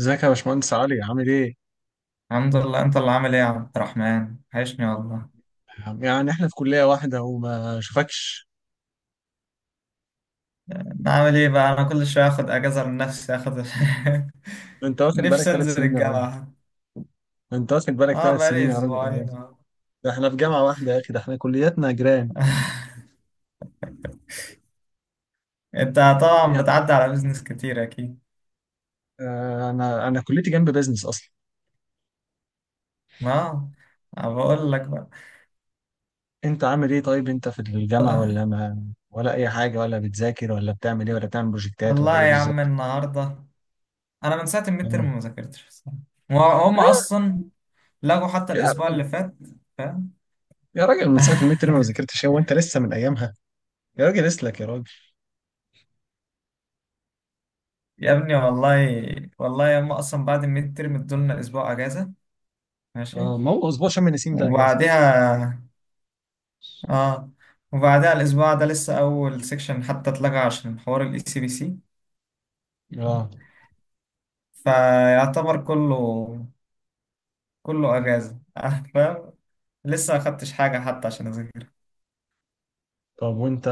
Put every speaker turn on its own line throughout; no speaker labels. ازيك يا باشمهندس علي عامل ايه؟
الحمد لله، انت اللي عامل ايه يا عبد الرحمن؟ وحشني والله.
يعني احنا في كلية واحدة وما شوفكش.
انا عامل ايه بقى؟ انا كل شويه اخد اجازه من نفسي
انت واخد بالك
نفسي
ثلاث
انزل
سنين يا راجل.
الجامعه.
انت واخد بالك
اه،
ثلاث
بقالي
سنين يا راجل ايام.
اسبوعين. اه.
ده احنا في جامعة واحدة يا اخي، ده احنا كلياتنا جيران.
انت طبعا
يعني
بتعدي على بيزنس كتير اكيد.
انا كليتي جنب بيزنس اصلا.
اه. أنا بقول لك بقى،
انت عامل ايه طيب؟ انت في الجامعة ولا ما، ولا اي حاجة، ولا بتذاكر ولا بتعمل ايه، ولا بتعمل بروجكتات ولا
والله
ايه
يا عم،
بالظبط؟
النهارده انا من ساعه الميد
اه.
تيرم ما ذاكرتش الصراحة. وهم
آه،
اصلا لغوا حتى
يا
الاسبوع
راجل،
اللي فات، فاهم؟
يا راجل، من ساعة الميد تيرم ما ذاكرتش؟ هو انت لسه من ايامها؟ يا راجل اسلك يا راجل.
يا ابني والله، والله هم اصلا بعد الميد تيرم ادولنا اسبوع اجازه. ماشي.
اه، ما هو اسبوع شم النسيم ده اجازة.
وبعدها اه وبعدها الاسبوع ده لسه اول سيكشن حتى اتلغى عشان حوار الاي سي بي سي،
اه.
فيعتبر كله اجازه. فاهم. لسه ما خدتش حاجه حتى عشان اذاكر.
طب وانت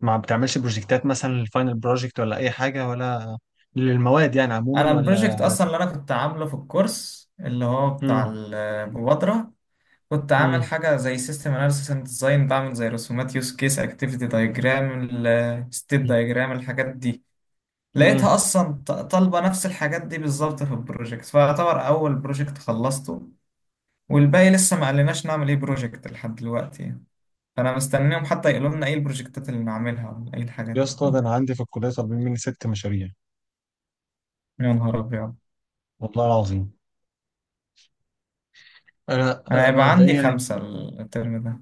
ما بتعملش بروجكتات مثلا، الفاينل بروجكت ولا اي حاجه، ولا للمواد يعني
انا
عموما، ولا؟
البروجكت اصلا اللي انا كنت عامله في الكورس اللي هو بتاع
مم.
المبادره، كنت عامل
مم.
حاجه زي سيستم اناليسيس اند ديزاين، بعمل زي رسومات يوز كيس اكتيفيتي دايجرام ستيت دايجرام الحاجات دي.
مم.
لقيتها اصلا طالبه نفس الحاجات دي بالظبط في البروجكت، فيعتبر اول بروجكت خلصته. والباقي لسه ما قالناش نعمل ايه بروجكت لحد دلوقتي يعني. فانا مستنيهم حتى يقولوا لنا ايه البروجكتات اللي نعملها ولا ايه الحاجات
يا
دي،
اسطى، ده انا
فاهم؟
عندي في الكليه طالبين مني ست مشاريع.
يا نهار ابيض.
والله العظيم، انا
انا هيبقى عندي
مبدئيا
5 الترم ده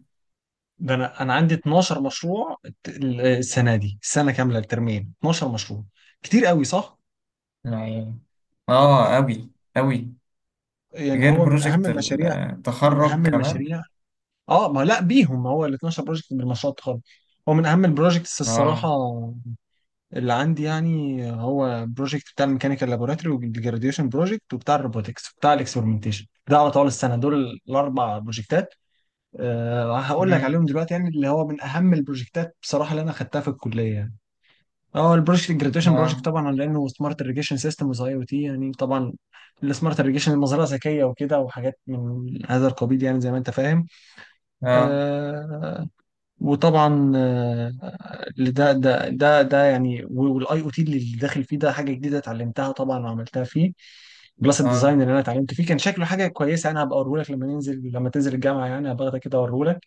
ده انا عندي 12 مشروع السنه دي، السنه كامله الترمين، 12 مشروع. كتير قوي صح؟
يعني. اه، اوي اوي،
يعني
غير
هو من اهم
بروجكت
المشاريع. من
التخرج
اهم
كمان.
المشاريع. اه، ما لا بيهم، ما هو ال 12 بروجكت بالمشروع التخرج. هو من اهم البروجكتس الصراحه
اه.
اللي عندي يعني. هو بروجكت بتاع الميكانيكال لابوراتوري، والجراديويشن بروجكت، وبتاع الروبوتكس، وبتاع الاكسبرمنتيشن، ده على طول السنه. دول الاربع بروجكتات أه هقول لك
مم.
عليهم دلوقتي، يعني اللي هو من اهم البروجكتات بصراحه اللي انا خدتها في الكليه يعني. اه، البروجكت الجراديويشن بروجكت
اه.
طبعا لانه سمارت irrigation سيستمز، اي او تي يعني طبعا. السمارت irrigation، المزرعه ذكيه وكده وحاجات من هذا القبيل يعني، زي ما انت فاهم.
اه.
آه، وطبعا ده يعني، والاي او تي اللي داخل فيه ده حاجه جديده اتعلمتها طبعا وعملتها فيه. جلاسك
اه.
ديزاين اللي انا اتعلمت فيه كان شكله حاجه كويسه، انا هبقى اوريهولك لما ننزل، لما تنزل الجامعه يعني هبقى اخدك كده اوريهولك.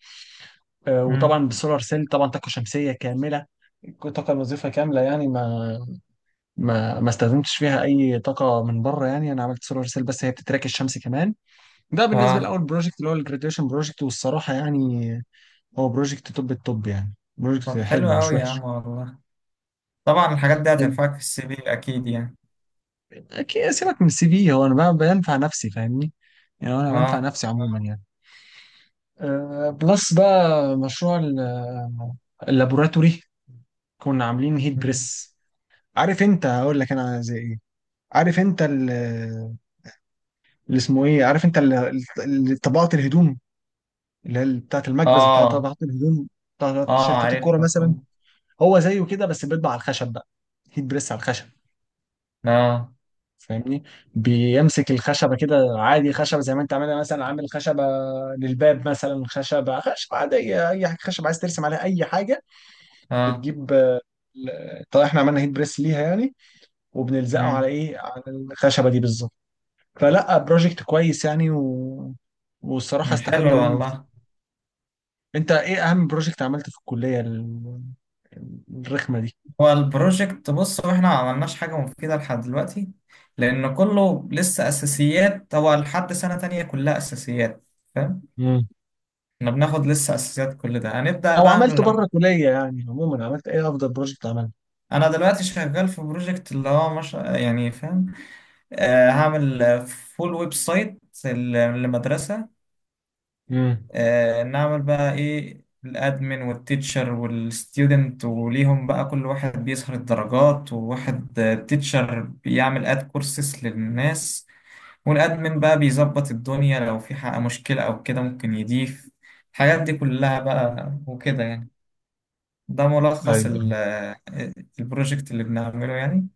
مم.
وطبعا بالسولار سيل طبعا طاقه شمسيه كامله. طاقه الوظيفه كامله يعني، ما استخدمتش فيها اي طاقه من بره، يعني انا عملت سولار سيل بس هي بتتراك الشمس كمان. ده بالنسبه
اه.
لاول بروجكت، اللي هو الجراديويشن بروجكت، والصراحه يعني هو بروجكت توب التوب، يعني بروجكت
طب حلو
حلو مش
اوي يا
وحش.
عم والله. طبعا الحاجات دي هتنفعك في السي في اكيد يعني.
اكيد، سيبك من السي في، هو انا بقى بنفع نفسي فاهمني؟ يعني انا بنفع
اه.
نفسي عموما يعني. أه بلس بقى مشروع اللابوراتوري. كنا عاملين هيت
مم.
بريس. عارف انت؟ هقول لك انا زي ايه. عارف انت اللي اسمه ايه؟ عارف انت طبقات الهدوم، اللي هي بتاعت المكبس بتاع
اه.
طبقات الهدوم، بتاعت
اه
تيشيرتات الكوره
عارفها
مثلا.
كله.
هو زيه كده بس بيطبع على الخشب بقى، هيت بريس على الخشب.
اه.
فاهمني؟ بيمسك الخشبه كده عادي، خشبه زي ما انت عاملها مثلا، عامل خشبه للباب مثلا، خشبه خشبه عاديه، اي حاجه خشبه عايز ترسم عليها اي حاجه.
اه.
بتجيب طيب احنا عملنا هيت بريس ليها يعني، وبنلزقه على
مم.
ايه؟ على الخشبه دي بالظبط. فلا، بروجكت كويس يعني، و... والصراحه
مم. حلو
استفدنا منه كتير.
والله.
انت ايه اهم بروجكت عملته في الكليه الرخمه دي؟
هو البروجكت، بص، هو احنا ما عملناش حاجة مفيدة لحد دلوقتي، لأن كله لسه أساسيات. هو لحد سنة تانية كلها أساسيات، فاهم؟
مم.
احنا بناخد لسه أساسيات، كل ده هنبدأ
او
بقى
عملته
من لما...
بره الكليه يعني عموما، عملت ايه افضل بروجكت عملته؟
أنا دلوقتي شغال في بروجكت اللي هو مش يعني، فاهم؟ آه، هعمل فول ويب سايت لمدرسة.
مم.
نعمل بقى ايه الادمن والتيتشر والستودنت، وليهم بقى كل واحد بيسهر الدرجات، وواحد تيتشر بيعمل اد كورسز للناس. والادمن بقى بيظبط الدنيا لو في حق مشكلة او كده ممكن يضيف الحاجات دي كلها بقى وكده يعني. ده ملخص
ايوه
البروجكت اللي بنعمله يعني.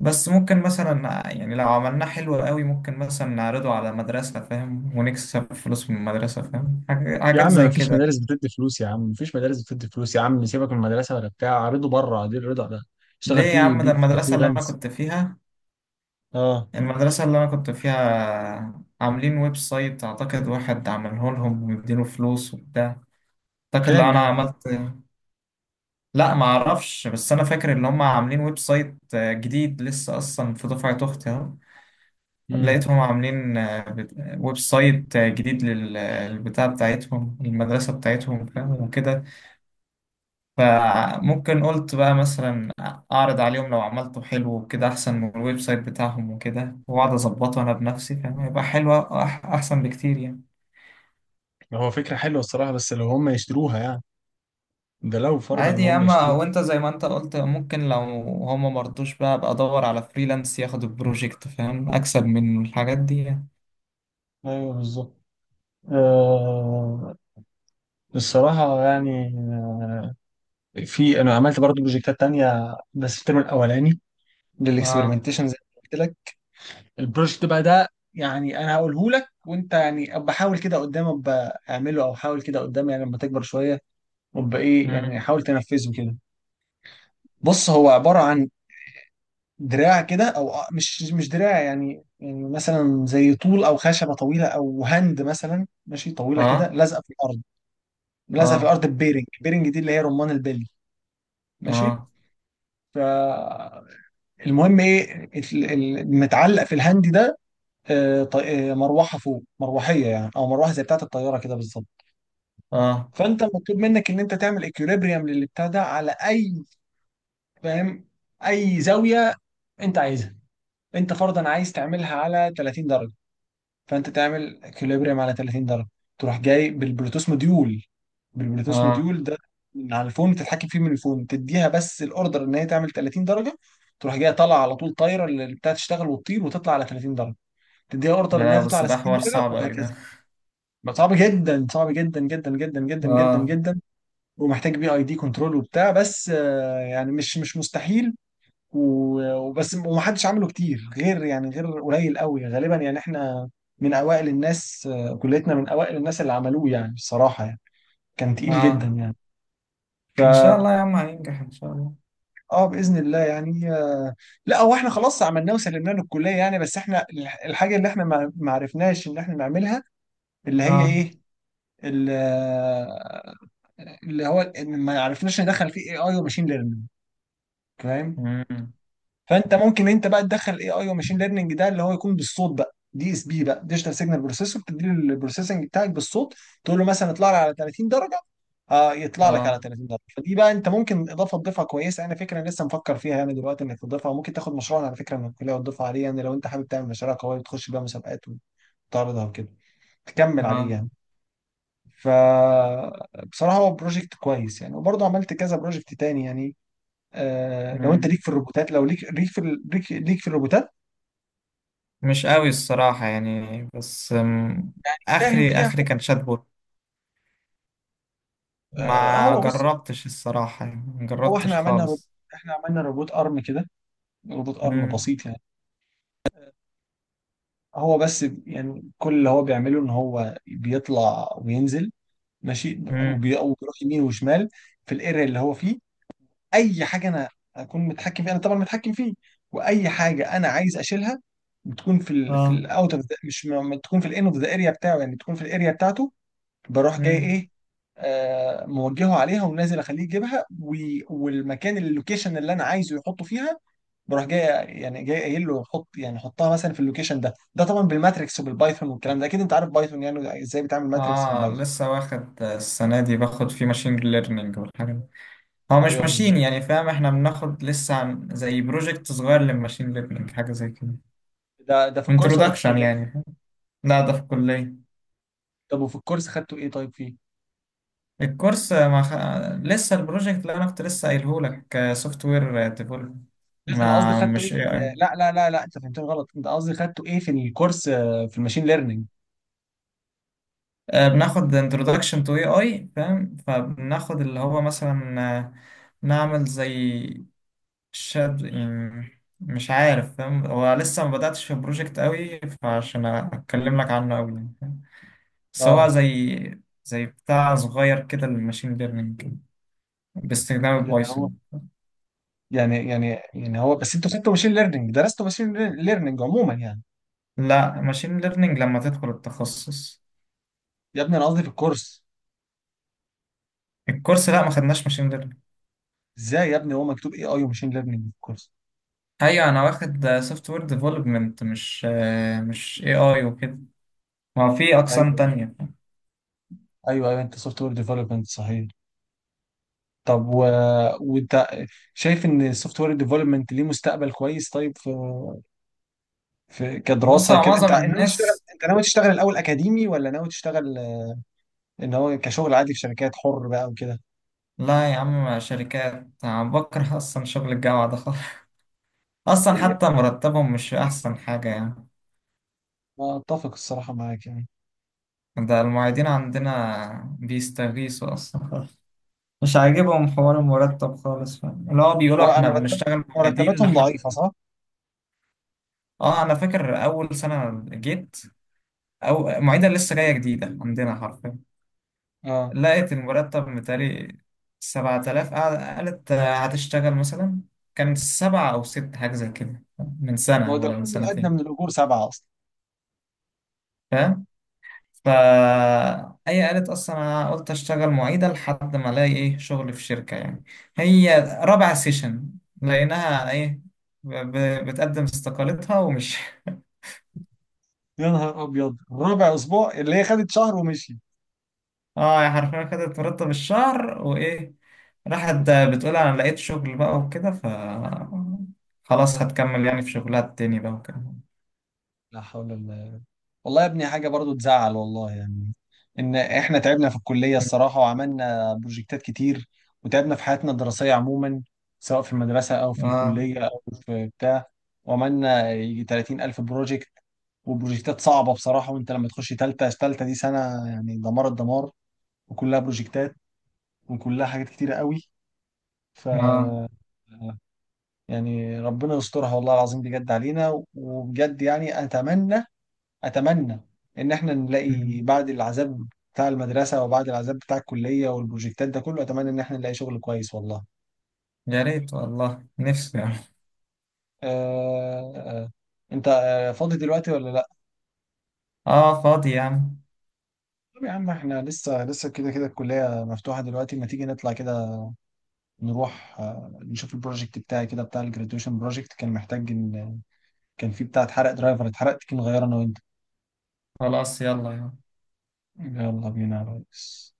بس ممكن مثلا يعني لو عملناه حلو قوي، ممكن مثلا نعرضه على مدرسة، فاهم؟ ونكسب فلوس من المدرسة، فاهم؟
يا
حاجات
عم،
زي
ما فيش
كده.
مدارس بتدي فلوس يا عم، ما فيش مدارس بتدي فلوس يا عم. سيبك من المدرسه ولا بتاع عرضه بره دي، الرضا ده
ليه
اشتغل
يا
فيه
عم؟
بيه
ده
في
المدرسة اللي أنا
كفريلانس.
كنت فيها،
اه،
المدرسة اللي أنا كنت فيها عاملين ويب سايت. أعتقد واحد عمله لهم ومديله فلوس وبتاع. أعتقد لو
كام
أنا
يعني؟
عملت... لا، ما أعرفش، بس أنا فاكر إن هم عاملين ويب سايت جديد لسه. أصلا في دفعة أختي أهو،
امم.
لقيتهم عاملين ويب سايت جديد للبتاع بتاعتهم، المدرسة بتاعتهم، فاهم؟ وكده. فممكن قلت بقى مثلا اعرض عليهم، لو عملته حلو وكده احسن من الويب سايت بتاعهم وكده، واقعد اظبطه انا بنفسي، فاهم؟ يبقى حلو، احسن بكتير يعني.
هو فكره حلوه الصراحه بس لو هم يشتروها يعني، ده لو فرضا ان
عادي يا
هم
اما،
يشتروها.
وانت زي ما انت قلت، ممكن لو هما مرضوش بقى، ابقى ادور على فريلانس ياخد البروجكت، فاهم؟ اكسب من الحاجات دي يعني.
ايوه بالظبط. آه، الصراحه يعني، في انا عملت برضه بروجكتات تانية بس في الترم الاولاني،
اه.
للاكسبيرمنتيشن زي ما قلت لك. البروجكت بقى ده يعني انا هقوله لك، وانت يعني ابقى حاول كده قدام ابقى اعمله، او حاول كده قدام يعني لما تكبر شويه، وابقى ايه يعني،
مم.
حاول تنفذه كده. بص، هو عباره عن دراع كده، او مش دراع يعني، يعني مثلا زي طول او خشبه طويله، او هند مثلا ماشي طويله كده،
اه.
لازقه في الارض. لازقه في
اه.
الارض ببيرنج، بيرنج دي اللي هي رمان البلي. ماشي.
اه.
فالمهم، ايه المتعلق في الهند ده؟ مروحه، فوق مروحيه يعني، او مروحه زي بتاعه الطياره كده بالظبط.
اه.
فانت مطلوب منك ان انت تعمل اكيوليبريم للبتاع ده على اي، فاهم، اي زاويه انت عايزها. انت فرضا عايز تعملها على 30 درجه، فانت تعمل اكيوليبريم على 30 درجه. تروح جاي بالبلوتوث موديول، بالبلوتوث
اه.
موديول ده من على الفون تتحكم فيه، من الفون تديها بس الاوردر ان هي تعمل 30 درجه، تروح جايه طالعه على طول طايره، اللي بتاعت تشتغل وتطير وتطلع على 30 درجه. تديها اوردر
لا،
انها تطلع
بس
على
ده
60
حوار
درجه،
صعب اوي
وهكذا.
ده.
ما صعب جدا، صعب جدا جدا جدا جدا جدا
اه.
جدا، ومحتاج بي اي دي كنترول وبتاع، بس يعني مش مستحيل. وبس، ومحدش عمله كتير، غير يعني غير قليل قوي غالبا، يعني احنا من اوائل الناس، كليتنا من اوائل الناس اللي عملوه يعني بصراحة يعني. كان تقيل جدا
اه،
يعني. ف،
ان شاء الله يا عم هينجح ان شاء الله.
اه باذن الله يعني. لا، هو احنا خلاص عملناه وسلمناه للكلية يعني، بس احنا الحاجة اللي احنا ما عرفناش ان احنا نعملها، اللي هي
اه.
ايه، ال- اللي هو ان ما يعرفناش ندخل فيه اي اي وماشين ليرنينج، فاهم؟
مم.
فانت ممكن انت بقى تدخل اي اي وماشين ليرنينج ده، اللي هو يكون بالصوت بقى، دي اس بي بقى، ديجيتال سيجنال بروسيسور، تدي له البروسيسنج بتاعك بالصوت، تقول له مثلا اطلع لي على 30 درجه، آه يطلع لك على
اه.
30 درجه. فدي بقى انت ممكن اضافه تضيفها كويسه، انا فكره لسه مفكر فيها يعني دلوقتي، انك تضيفها. وممكن تاخد مشروع على فكره من الكليه وتضيفها عليه، يعني لو انت حابب تعمل مشاريع قويه تخش بيها مسابقات وتعرضها وكده، تكمل عليه يعني.
اه.
فبصراحة، هو بروجكت كويس يعني. وبرضه عملت كذا بروجكت تاني يعني. آه، لو انت
مم.
ليك في الروبوتات، لو ليك ليك في الروبوتات،
مش قوي الصراحة يعني، بس
فاهم
آخري
فيها
آخري كان
حاجة.
شاتبوت.
آه،
ما
هو بص،
جربتش الصراحة يعني، ما
هو احنا
جربتش
عملنا روبوت،
خالص.
احنا عملنا روبوت ارم كده، روبوت ارم
مم.
بسيط يعني. هو بس يعني كل اللي هو بيعمله ان هو بيطلع وينزل، ماشي،
مم.
وبيروح يمين وشمال في الايريا اللي هو فيه. اي حاجه انا اكون متحكم فيها، انا طبعا متحكم فيه، واي حاجه انا عايز اشيلها بتكون في ال في
اه.
الاوت اوف، مش م- بتكون في الان اوف ذا اريا بتاعه يعني، بتكون في الاريا بتاعته. بروح جاي
مم.
ايه، آه موجهه عليها ونازل اخليه يجيبها والمكان اللوكيشن اللي انا عايزه يحطه فيها. بروح جاي يعني، جاي قايل له حط يعني حطها مثلا في اللوكيشن ده. ده طبعا بالماتريكس وبالبايثون والكلام ده، اكيد انت عارف بايثون يعني ازاي بتعمل ماتريكس في
اه،
البايثون.
لسه واخد السنة دي، باخد فيه ماشين ليرنينج والحاجة دي. هو مش
ايوه
ماشين
بالظبط.
يعني، فاهم؟ احنا بناخد لسه عن زي بروجكت صغير للماشين ليرنينج، حاجة زي كده.
ده في الكورس ولا في
انترودكشن
الكليه؟
يعني. لا، ده في الكلية.
طب وفي الكورس خدته ايه طيب فيه؟
الكورس ما خ... لسه البروجكت اللي انا كنت لسه قايله لك سوفت وير ديفلوب،
بس انا قصدي
ما
خدته ايه
مش
في
اي
ال...
اي.
لا لا لا لا، انت فهمتني غلط، انت قصدي خدته ايه في الكورس، في الماشين ليرنينج؟
بناخد انترودكشن تو اي اي، فاهم؟ فبناخد اللي هو مثلا، نعمل زي شاد يعني، مش عارف، فاهم؟ هو لسه ما بدأتش في البروجكت قوي، فعشان اتكلم لك عنه قوي يعني، فاهم؟ بس هو
اه.
زي بتاع صغير كده للماشين ليرنينج باستخدام
يعني هو،
البايثون.
يعني يعني يعني هو، بس انتوا خدتوا ماشين ليرنينج؟ درستوا ماشين ليرنينج عموما يعني؟
لا، ماشين ليرنينج لما تدخل التخصص.
يا ابني انا قصدي في الكورس.
الكورس لا، ما خدناش ماشين ليرنينج.
ازاي يا ابني، هو مكتوب اي اي وماشين ليرنينج في الكورس.
ايوه، انا واخد سوفت وير ديفلوبمنت، مش اي اي وكده. ما في اقسام
ايوه
تانية.
ايوه ايوه، انت سوفت وير ديفلوبمنت صحيح. طب و... وانت شايف ان السوفت وير ديفلوبمنت ليه مستقبل كويس طيب؟ في في
بص،
كدراسه
هو
كده، انت
معظم
ناوي تشتغل؟
الناس...
انت ناوي تشتغل الاول اكاديمي ولا ناوي تشتغل ان هو كشغل عادي في شركات حر بقى وكده؟
لا يا عم، شركات أنا بكره اصلا شغل الجامعة ده خالص. اصلا
إيه،
حتى مرتبهم مش احسن حاجة يعني.
اتفق الصراحه معاك يعني.
ده المعيدين عندنا بيستغيثوا اصلا خالص. مش عاجبهم حوار المرتب خالص، فاهم؟ اللي هو بيقولوا
هو
احنا
مرتب،
بنشتغل معيدين
مرتباتهم
لحد...
ضعيفه صح؟
اه، انا فاكر اول سنة جيت، او معيدة لسه جاية جديدة عندنا حرفيا.
اه،
لقيت المرتب متهيألي 7,000، قالت هتشتغل مثلا. كان 7 أو 6 حاجة زي كده، من
ما هو
سنة
ده
ولا من
الحد الادنى
سنتين،
من الاجور سبعه اصلا.
فاهم؟ فا هي قالت أصلا أنا قلت أشتغل معيدة لحد ما ألاقي إيه شغل في شركة يعني. هي رابع سيشن لقيناها إيه بتقدم استقالتها ومش
يا نهار ابيض، رابع اسبوع، اللي هي خدت شهر ومشي.
اه، يا حرفيا كده ترتب الشهر وايه راحت.
وخ-
بتقول انا لقيت شغل بقى وكده، ف خلاص
آه.
هتكمل يعني في شغلها التاني بقى وكده.
لا حول الله. والله يا ابني حاجة برضو تزعل والله يعني، إن إحنا تعبنا في الكلية الصراحة وعملنا بروجكتات كتير، وتعبنا في حياتنا الدراسية عموما، سواء في المدرسة أو في
اه.
الكلية أو في بتاع، وعملنا يجي 30 ألف بروجكت وبروجكتات صعبة بصراحة. وأنت لما تخش تالتة، تالتة دي سنة يعني دمار الدمار، وكلها بروجكتات وكلها حاجات كتيرة قوي. ف،
اه.
يعني ربنا يسترها والله العظيم بجد علينا، وبجد يعني أتمنى، اتمنى ان احنا نلاقي
مم.
بعد العذاب بتاع المدرسه، وبعد العذاب بتاع الكليه والبروجكتات ده كله، اتمنى ان احنا نلاقي شغل كويس والله.
يا ريت والله، نفسي يعني.
آه آه. انت فاضي دلوقتي ولا لا؟
اه فاضي يعني.
طب يا عم، احنا لسه كده كده الكليه مفتوحه دلوقتي، ما تيجي نطلع كده، نروح نشوف البروجكت بتاعي كده، بتاع الجراديويشن بروجكت، كان محتاج ان، كان فيه بتاع اتحرق، درايفر اتحرقت كي نغيره انا وانت.
خلاص، يلا يلا.
يلا بينا يا ريس.